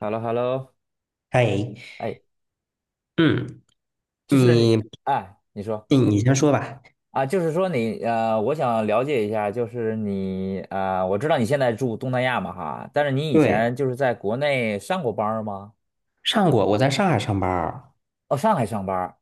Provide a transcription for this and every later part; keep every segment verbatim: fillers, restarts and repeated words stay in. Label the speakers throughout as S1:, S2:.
S1: h e l l o h e l l o
S2: 嗨，
S1: 哎，
S2: 嗯，
S1: 就是你，
S2: 你
S1: 哎，你说
S2: 你你先说吧。
S1: 啊，就是说你，呃，我想了解一下，就是你，呃，我知道你现在住东南亚嘛哈，但是你以
S2: 对，
S1: 前就是在国内上过班儿吗？
S2: 上过，我在上海上班儿。
S1: 哦，上海上班儿。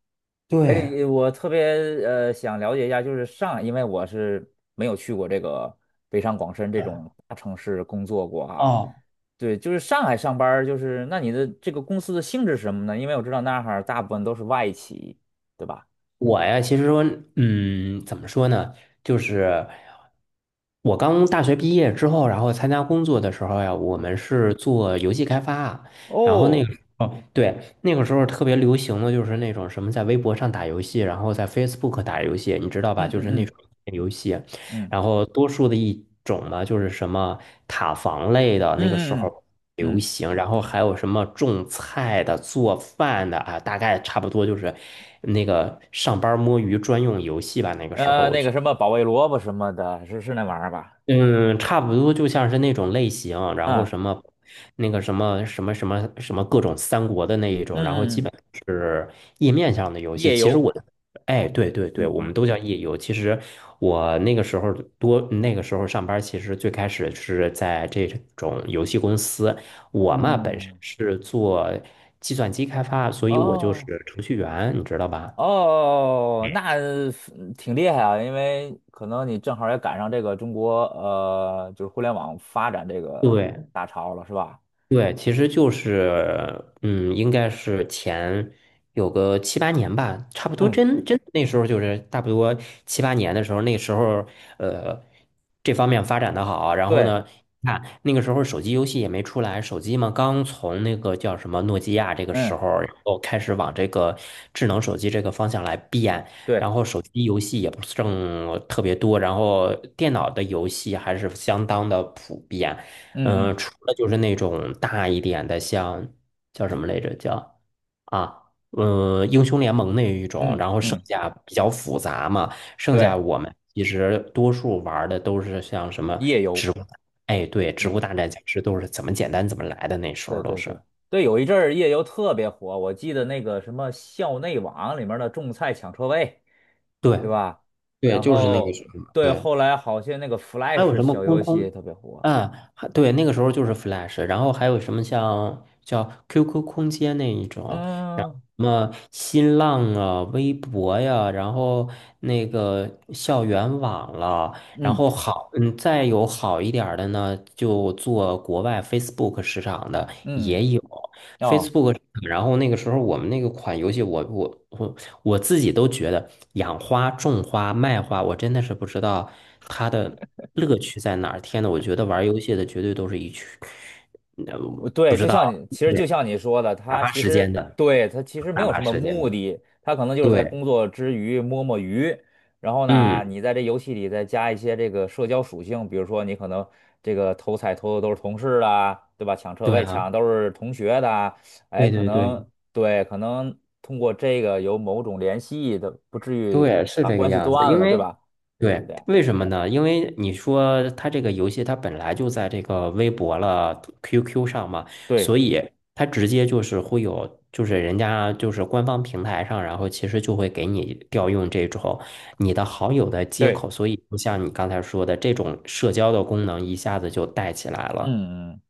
S2: 对，
S1: 哎，我特别呃想了解一下，就是上海因为我是没有去过这个北上广深这种大城市工作过哈。
S2: 哦，
S1: 对，就是上海上班儿就是那你的这个公司的性质是什么呢？因为我知道那儿哈大部分都是外企，对吧？
S2: 我呀，其实说，嗯，怎么说呢？就是我刚大学毕业之后，然后参加工作的时候呀，我
S1: 嗯。
S2: 们是做游戏开发啊，然后那
S1: 哦，
S2: 个时候，对，那个时候特别流行的就是那种什么在微博上打游戏，然后在 Facebook 打游戏，你知道吧？
S1: 嗯
S2: 就
S1: 嗯
S2: 是那
S1: 嗯
S2: 种游戏，
S1: 嗯
S2: 然后多数的一种呢，就是什么塔防类的，那个时
S1: 嗯嗯
S2: 候。
S1: 嗯，
S2: 流
S1: 嗯
S2: 行，然后还有什么种菜的、做饭的啊，大概差不多就是那个上班摸鱼专用游戏吧。那个时候
S1: 呃，
S2: 我
S1: 那
S2: 觉
S1: 个什么保卫萝卜什么的，是是那玩意儿吧？
S2: 嗯，差不多就像是那种类型，然后
S1: 啊，
S2: 什么，那个什么什么什么什么各种三国的那一种，然后
S1: 嗯嗯
S2: 基
S1: 嗯，
S2: 本是页面上的游戏。
S1: 夜
S2: 其实
S1: 游，
S2: 我的，哎，对对对，
S1: 嗯
S2: 我们
S1: 嗯
S2: 都叫页游。其实我那个时候多，那个时候上班，其实最开始是在这种游戏公司。我嘛本
S1: 嗯，
S2: 身
S1: 嗯
S2: 是做计算机开发，所以我就
S1: 哦
S2: 是程序员，你知道吧？
S1: 哦，那挺厉害啊，因为可能你正好也赶上这个中国呃，就是互联网发展这个
S2: 对，
S1: 大潮了，是吧？
S2: 对，其实就是，嗯，应该是前有个七八年吧，差不多
S1: 嗯，
S2: 真真那时候就是差不多七八年的时候，那时候呃这方面发展的好，然后
S1: 对，
S2: 呢，看那个时候手机游戏也没出来，手机嘛刚从那个叫什么诺基亚这个时
S1: 嗯
S2: 候，然后开始往这个智能手机这个方向来变，
S1: 对，
S2: 然后手机游戏也不是正特别多，然后电脑的游戏还是相当的普遍。
S1: 嗯
S2: 嗯，
S1: 嗯
S2: 除了就是那种大一点的，像叫什么来着？叫啊，嗯，英雄联盟那一种，
S1: 嗯
S2: 然后剩
S1: 嗯，
S2: 下比较复杂嘛，剩下
S1: 对，
S2: 我们其实多数玩儿的都是像什么，
S1: 夜游。
S2: 哎，对，植物大战僵尸都是怎么简单怎么来的，那时
S1: 对
S2: 候都
S1: 对
S2: 是，
S1: 对对，有一阵儿夜游特别火，我记得那个什么校内网里面的种菜抢车位，
S2: 对
S1: 对吧？
S2: 对，
S1: 然
S2: 就是那个什
S1: 后
S2: 么，
S1: 对，
S2: 对。
S1: 后来好些那个
S2: 还有
S1: Flash
S2: 什么
S1: 小
S2: 空
S1: 游戏
S2: 空
S1: 也特别火。
S2: 啊？还对，那个时候就是 Flash，然后还有什么像叫 Q Q 空间那一种，然后
S1: 嗯
S2: 什么新浪啊、微博呀，然后那个校园网了，然
S1: 嗯
S2: 后好，嗯，再有好一点儿的呢，就做国外 Facebook 市场的
S1: 嗯，
S2: 也有。
S1: 哦，
S2: Facebook，然后那个时候我们那个款游戏我，我我我自己都觉得养花、种花、卖花，我真的是不知道它的乐趣在哪儿。天呐，我觉得玩游戏的绝对都是一群，
S1: 我
S2: 嗯，不
S1: 对，
S2: 知
S1: 就
S2: 道，
S1: 像你，其实就
S2: 对，
S1: 像你说的，
S2: 打
S1: 他
S2: 发
S1: 其
S2: 时间
S1: 实
S2: 的，
S1: 对他其实没
S2: 打
S1: 有
S2: 发
S1: 什么
S2: 时间
S1: 目
S2: 的，
S1: 的，他可能就是在
S2: 对，
S1: 工作之余摸摸鱼，然后呢，
S2: 嗯，
S1: 你在这游戏里再加一些这个社交属性，比如说你可能这个偷菜偷的都是同事啊，对吧？抢车
S2: 对
S1: 位抢
S2: 啊，
S1: 的都是同学的啊，哎，
S2: 对
S1: 可
S2: 对
S1: 能
S2: 对，
S1: 对，可能通过这个有某种联系的，不至于
S2: 对，是
S1: 把
S2: 这个
S1: 关系
S2: 样子。
S1: 断
S2: 因
S1: 了，对
S2: 为，
S1: 吧？就是这
S2: 对，
S1: 样，
S2: 为什么呢？因为你说它这个游戏它本来就在这个微博了、Q Q 上嘛，
S1: 对
S2: 所以它直接就是会有，就是人家就是官方平台上，然后其实就会给你调用这种你的好友的接
S1: 对，
S2: 口，所以就像你刚才说的，这种社交的功能一下子就带起来了。
S1: 嗯嗯。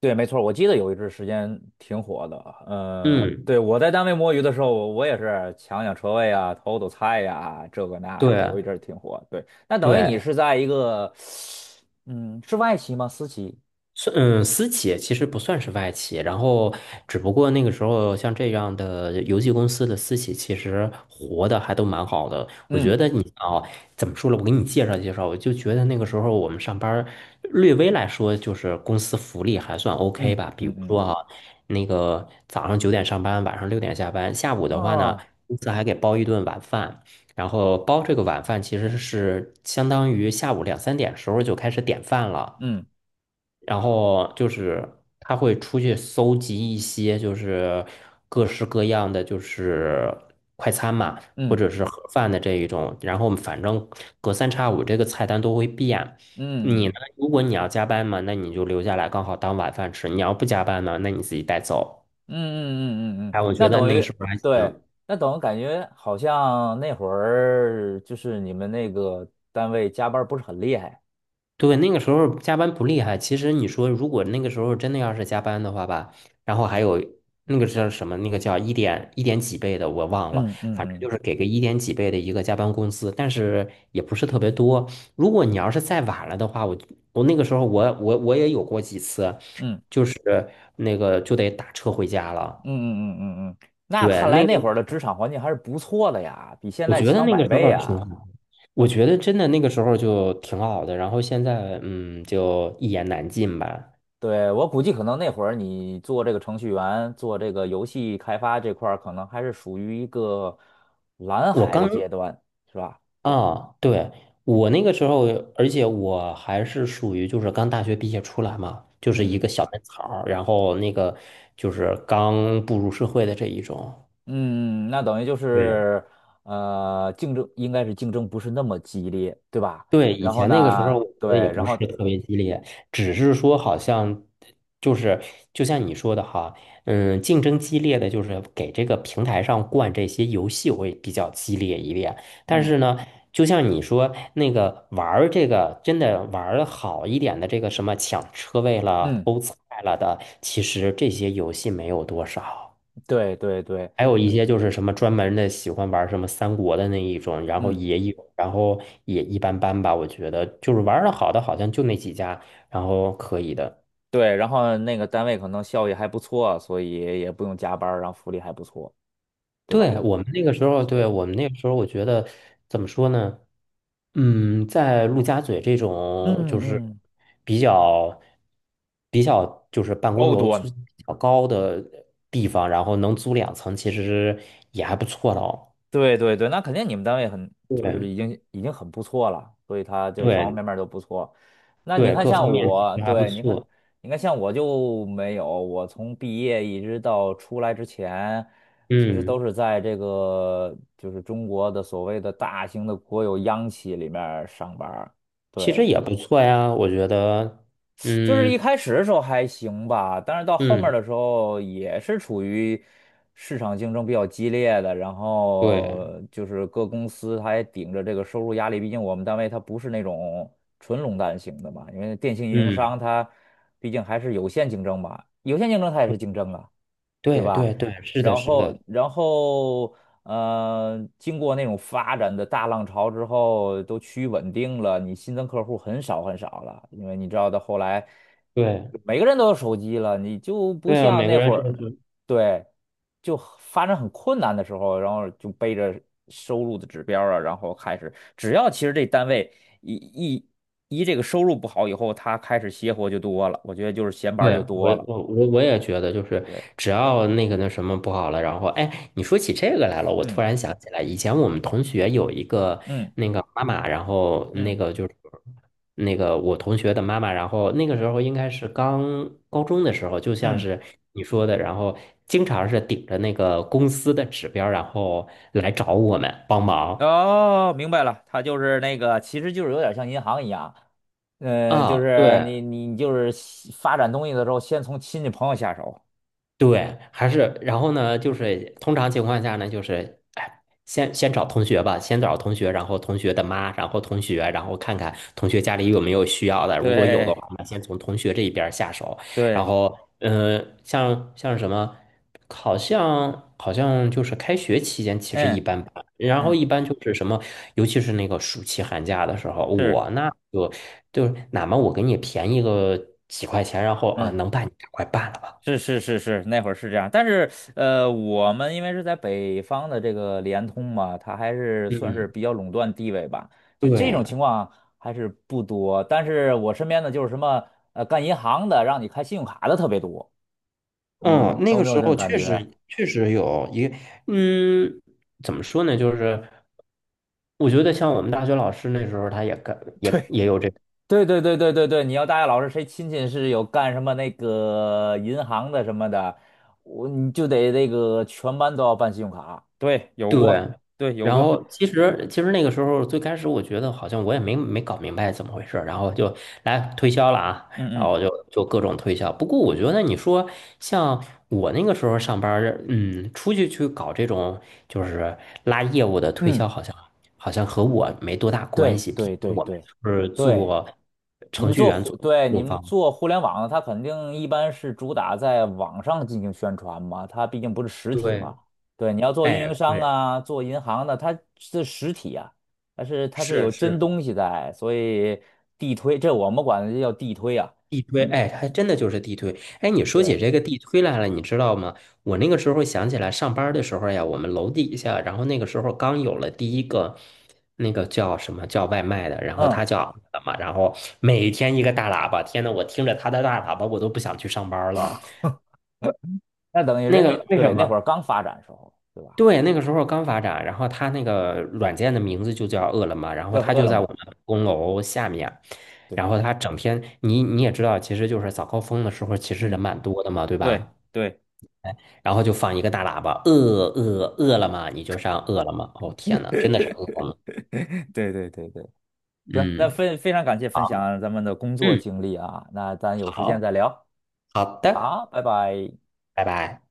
S1: 对，没错儿我记得有一阵儿时间挺火的。嗯、
S2: 嗯，
S1: 对，我在单位摸鱼的时候，我我也是抢抢车位啊，偷偷菜呀、这个那
S2: 对
S1: 的，有一阵儿挺火。对，那等于你
S2: 对，
S1: 是在一个，嗯，是外企吗？私企？
S2: 是嗯，私企其实不算是外企，然后只不过那个时候像这样的游戏公司的私企，其实活的还都蛮好的。我觉
S1: 嗯
S2: 得你啊，怎么说了？我给你介绍介绍，我就觉得那个时候我们上班儿，略微来说就是公司福利还算 OK
S1: 嗯
S2: 吧。比如
S1: 嗯
S2: 说
S1: 嗯
S2: 哈、那个早上九点上班，晚上六点下班，下午
S1: 嗯，
S2: 的话呢，
S1: 哦，
S2: 公司还给包一顿晚饭。然后包这个晚饭其实是相当于下午两三点时候就开始点饭了。
S1: 嗯
S2: 然后就是他会出去搜集一些就是各式各样的就是快餐嘛，或
S1: 嗯
S2: 者是盒饭的这一种，然后反正隔三差五这个菜单都会变。你
S1: 嗯
S2: 呢？
S1: 嗯
S2: 如果你要加班嘛，那你就留下来刚好当晚饭吃；你要不加班呢，那你自己带走。
S1: 嗯嗯嗯嗯，嗯
S2: 哎，我
S1: 那
S2: 觉得
S1: 等
S2: 那
S1: 于
S2: 是不是还
S1: 对，
S2: 行？
S1: 那等于感觉好像那会儿就是你们那个单位加班儿不是很厉害。
S2: 对，那个时候加班不厉害。其实你说，如果那个时候真的要是加班的话吧，然后还有那个叫什么，那个叫一点一点几倍的，我忘了，
S1: 嗯嗯
S2: 反正就
S1: 嗯
S2: 是给个一点几倍的一个加班工资，但是也不是特别多。如果你要是再晚了的话，我我那个时候我我我也有过几次，
S1: 嗯
S2: 就是那个就得打车回家
S1: 嗯
S2: 了。
S1: 嗯嗯嗯嗯，那
S2: 对，
S1: 看来
S2: 那个
S1: 那会儿的职场环境还是不错的呀，比现
S2: 我
S1: 在
S2: 觉得
S1: 强
S2: 那个
S1: 百
S2: 时
S1: 倍
S2: 候挺
S1: 呀。
S2: 好，我觉得真的那个时候就挺好的。然后现在嗯，就一言难尽吧。
S1: 对，我估计可能那会儿你做这个程序员，做这个游戏开发这块儿，可能还是属于一个蓝
S2: 我
S1: 海的
S2: 刚
S1: 阶段，是吧？
S2: 啊，对，我那个时候，而且我还是属于就是刚大学毕业出来嘛，就是一
S1: 嗯
S2: 个小嫩草儿，然后那个就是刚步入社会的这一种。
S1: 嗯，那等于就
S2: 对。
S1: 是呃，竞争应该是竞争不是那么激烈，对吧？
S2: 对，以
S1: 然后
S2: 前那个时候，
S1: 呢，
S2: 我觉得也
S1: 对，然
S2: 不是
S1: 后
S2: 特别激烈，只是说好像就是就像你说的哈，嗯，竞争激烈的就是给这个平台上灌这些游戏会比较激烈一点。但
S1: 嗯
S2: 是呢，就像你说那个玩儿这个真的玩儿的好一点的这个什么抢车位了、
S1: 嗯，
S2: 偷菜了的，其实这些游戏没有多少。
S1: 对对对，
S2: 还有一些就是什么专门的喜欢玩什么三国的那一种，然后
S1: 嗯。
S2: 也有，然后也一般般吧。我觉得就是玩的好的好像就那几家，然后可以的。
S1: 对，然后那个单位可能效益还不错，所以也不用加班儿然后福利还不错，对
S2: 对，
S1: 吧？
S2: 我们那个时候，对，
S1: 对，
S2: 我们那个时候，我觉得怎么说呢？嗯，在陆家嘴这
S1: 嗯
S2: 种就是
S1: 嗯，
S2: 比较比较就是办公
S1: 高
S2: 楼租
S1: 端，
S2: 金比较高的地方，然后能租两层，其实也还不错的哦。
S1: 对对对，那肯定你们单位很就是已
S2: 对
S1: 经已经很不错了，所以他就方方
S2: 对
S1: 面面都不错。那你
S2: 对，
S1: 看
S2: 各
S1: 像
S2: 方面其
S1: 我，
S2: 实还不
S1: 对，你看
S2: 错。
S1: 你看像我就没有，我从毕业一直到出来之前，其实
S2: 嗯。
S1: 都是在这个就是中国的所谓的大型的国有央企里面儿上班儿
S2: 其
S1: 对。
S2: 实也不错呀，我觉得，
S1: 就是一
S2: 嗯
S1: 开始的时候还行吧，但是到后面
S2: 嗯，
S1: 的时候也是处于市场竞争比较激烈的，然
S2: 对，
S1: 后就是各公司它也顶着这个收入压力，毕竟我们单位它不是那种纯垄断型的嘛，因为电信运营
S2: 嗯，
S1: 商它毕竟还是有限竞争吧，有限竞争它也是竞争啊。对
S2: 对
S1: 吧？
S2: 对对，是的，
S1: 然
S2: 是
S1: 后，
S2: 的，
S1: 然后，呃，经过那种发展的大浪潮之后，都趋于稳定了，你新增客户很少很少了，因为你知道到后来，
S2: 对
S1: 每个人都有手机了，你就不
S2: 对啊，
S1: 像
S2: 每个
S1: 那
S2: 人
S1: 会儿，
S2: 是。
S1: 对，就发展很困难的时候，然后就背着收入的指标啊，然后开始，只要其实这单位一一一这个收入不好以后，他开始邪活就多了，我觉得就是闲班儿
S2: 对，
S1: 就
S2: 我
S1: 多了，
S2: 我我我也觉得，就是
S1: 对，
S2: 只要那个那什么不好了，然后哎，你说起这个来了，我突
S1: 嗯
S2: 然想起来，以前我们同学有一个
S1: 嗯
S2: 那个妈妈，然后那
S1: 嗯。
S2: 个就是那个我同学的妈妈，然后那个时候应该是刚高中的时候，就像
S1: 嗯，
S2: 是你说的，然后经常是顶着那个公司的指标，然后来找我们帮忙。
S1: 哦，明白了，他就是那个，其实就是有点像银行一样，嗯，就
S2: 啊，
S1: 是
S2: 对，
S1: 你你就是西发展东西的时候，先从亲戚朋友下手。
S2: 对，还是然后呢，就是通常情况下呢，就是哎，先先找同学吧，先找同学，然后同学的妈，然后同学，然后看看同学家里有没有需要的，如果有的
S1: 对
S2: 话，那先从同学这一边儿下手，然
S1: 对，
S2: 后嗯、呃像像什么，好像好像就是开学期间其实一
S1: 嗯
S2: 般般，然后
S1: 嗯，
S2: 一般就是什么，尤其是那个暑期寒假的时候，
S1: 是
S2: 我那就就哪怕我给你便宜个几块钱，然后啊，
S1: 嗯
S2: 能办你赶快办了吧，
S1: 是是是是，那会儿是这样，但是呃，我们因为是在北方的这个联通嘛，它还是算是
S2: 嗯。
S1: 比较垄断地位吧，就这种
S2: 对，
S1: 情况还是不多。但是我身边的就是什么呃干银行的，让你开信用卡的特别多，
S2: 嗯，
S1: 嗯，
S2: 那
S1: 有
S2: 个
S1: 没有
S2: 时
S1: 这种
S2: 候
S1: 感
S2: 确
S1: 觉？
S2: 实确实有一个，嗯，怎么说呢？就是我觉得像我们大学老师那时候，他也干 也也有这。
S1: 对对对对对对对，你要大学老师谁亲戚是有干什么那个银行的什么的，我你就得那个全班都要办信用卡。对，有
S2: 对，
S1: 过，对，有
S2: 然
S1: 过，
S2: 后其实其实那个时候最开始我觉得好像我也没没搞明白怎么回事儿然后就来推销了啊，然
S1: 嗯嗯。
S2: 后就就各种推销。不过我觉得你说像我那个时候上班儿嗯，出去去搞这种就是拉业务的推
S1: 嗯，
S2: 销，好像好像和我没多大关
S1: 对
S2: 系，毕竟
S1: 对对
S2: 我们
S1: 对
S2: 是
S1: 对。
S2: 做
S1: 你
S2: 程
S1: 们
S2: 序
S1: 做
S2: 员做
S1: 互，对，你
S2: 做
S1: 们
S2: 方。
S1: 做互联网的它肯定一般是主打在网上进行宣传嘛，它毕竟不是实体嘛。
S2: 对，
S1: 对，你要做运营
S2: 哎，
S1: 商
S2: 对，
S1: 啊，做银行的，它是实体啊，它是它是
S2: 是
S1: 有真
S2: 是。
S1: 东西在，所以地推，这我们管这叫地推啊。
S2: 地推，
S1: 嗯，
S2: 哎，还真的就是地推。哎，你说起
S1: 对，
S2: 这个地推来了，你知道吗？我那个时候想起来，上班儿的时候呀，我们楼底下，然后那个时候刚有了第一个那个叫什么叫外卖的，然后
S1: 嗯，
S2: 他叫什么，然后每天一个大喇叭，天呐，我听着他的大喇叭，我都不想去上班儿了。
S1: 那等于
S2: 那
S1: 人家
S2: 个为什
S1: 对那会儿
S2: 么？
S1: 刚发展时候，对吧？
S2: 对，那个时候刚发展，然后它那个软件的名字就叫饿了么，然后
S1: 叫
S2: 它
S1: 饿
S2: 就
S1: 了
S2: 在我
S1: 么，
S2: 们的公楼下面，
S1: 对，
S2: 然后它整天，你你也知道，其实就是早高峰的时候，其实
S1: 嗯，
S2: 人蛮多的嘛，对
S1: 对
S2: 吧？
S1: 对
S2: 哎，然后就放一个大喇叭，饿饿饿了么，你就上饿了么。哦，天呐，真的是饿了 么
S1: 对对对对行，那
S2: 嗯，
S1: 非非常感谢分
S2: 好，
S1: 享咱们的工作
S2: 嗯，
S1: 经历啊，那咱有时间
S2: 好，
S1: 再聊
S2: 好的，
S1: 啊，拜拜。
S2: 拜拜。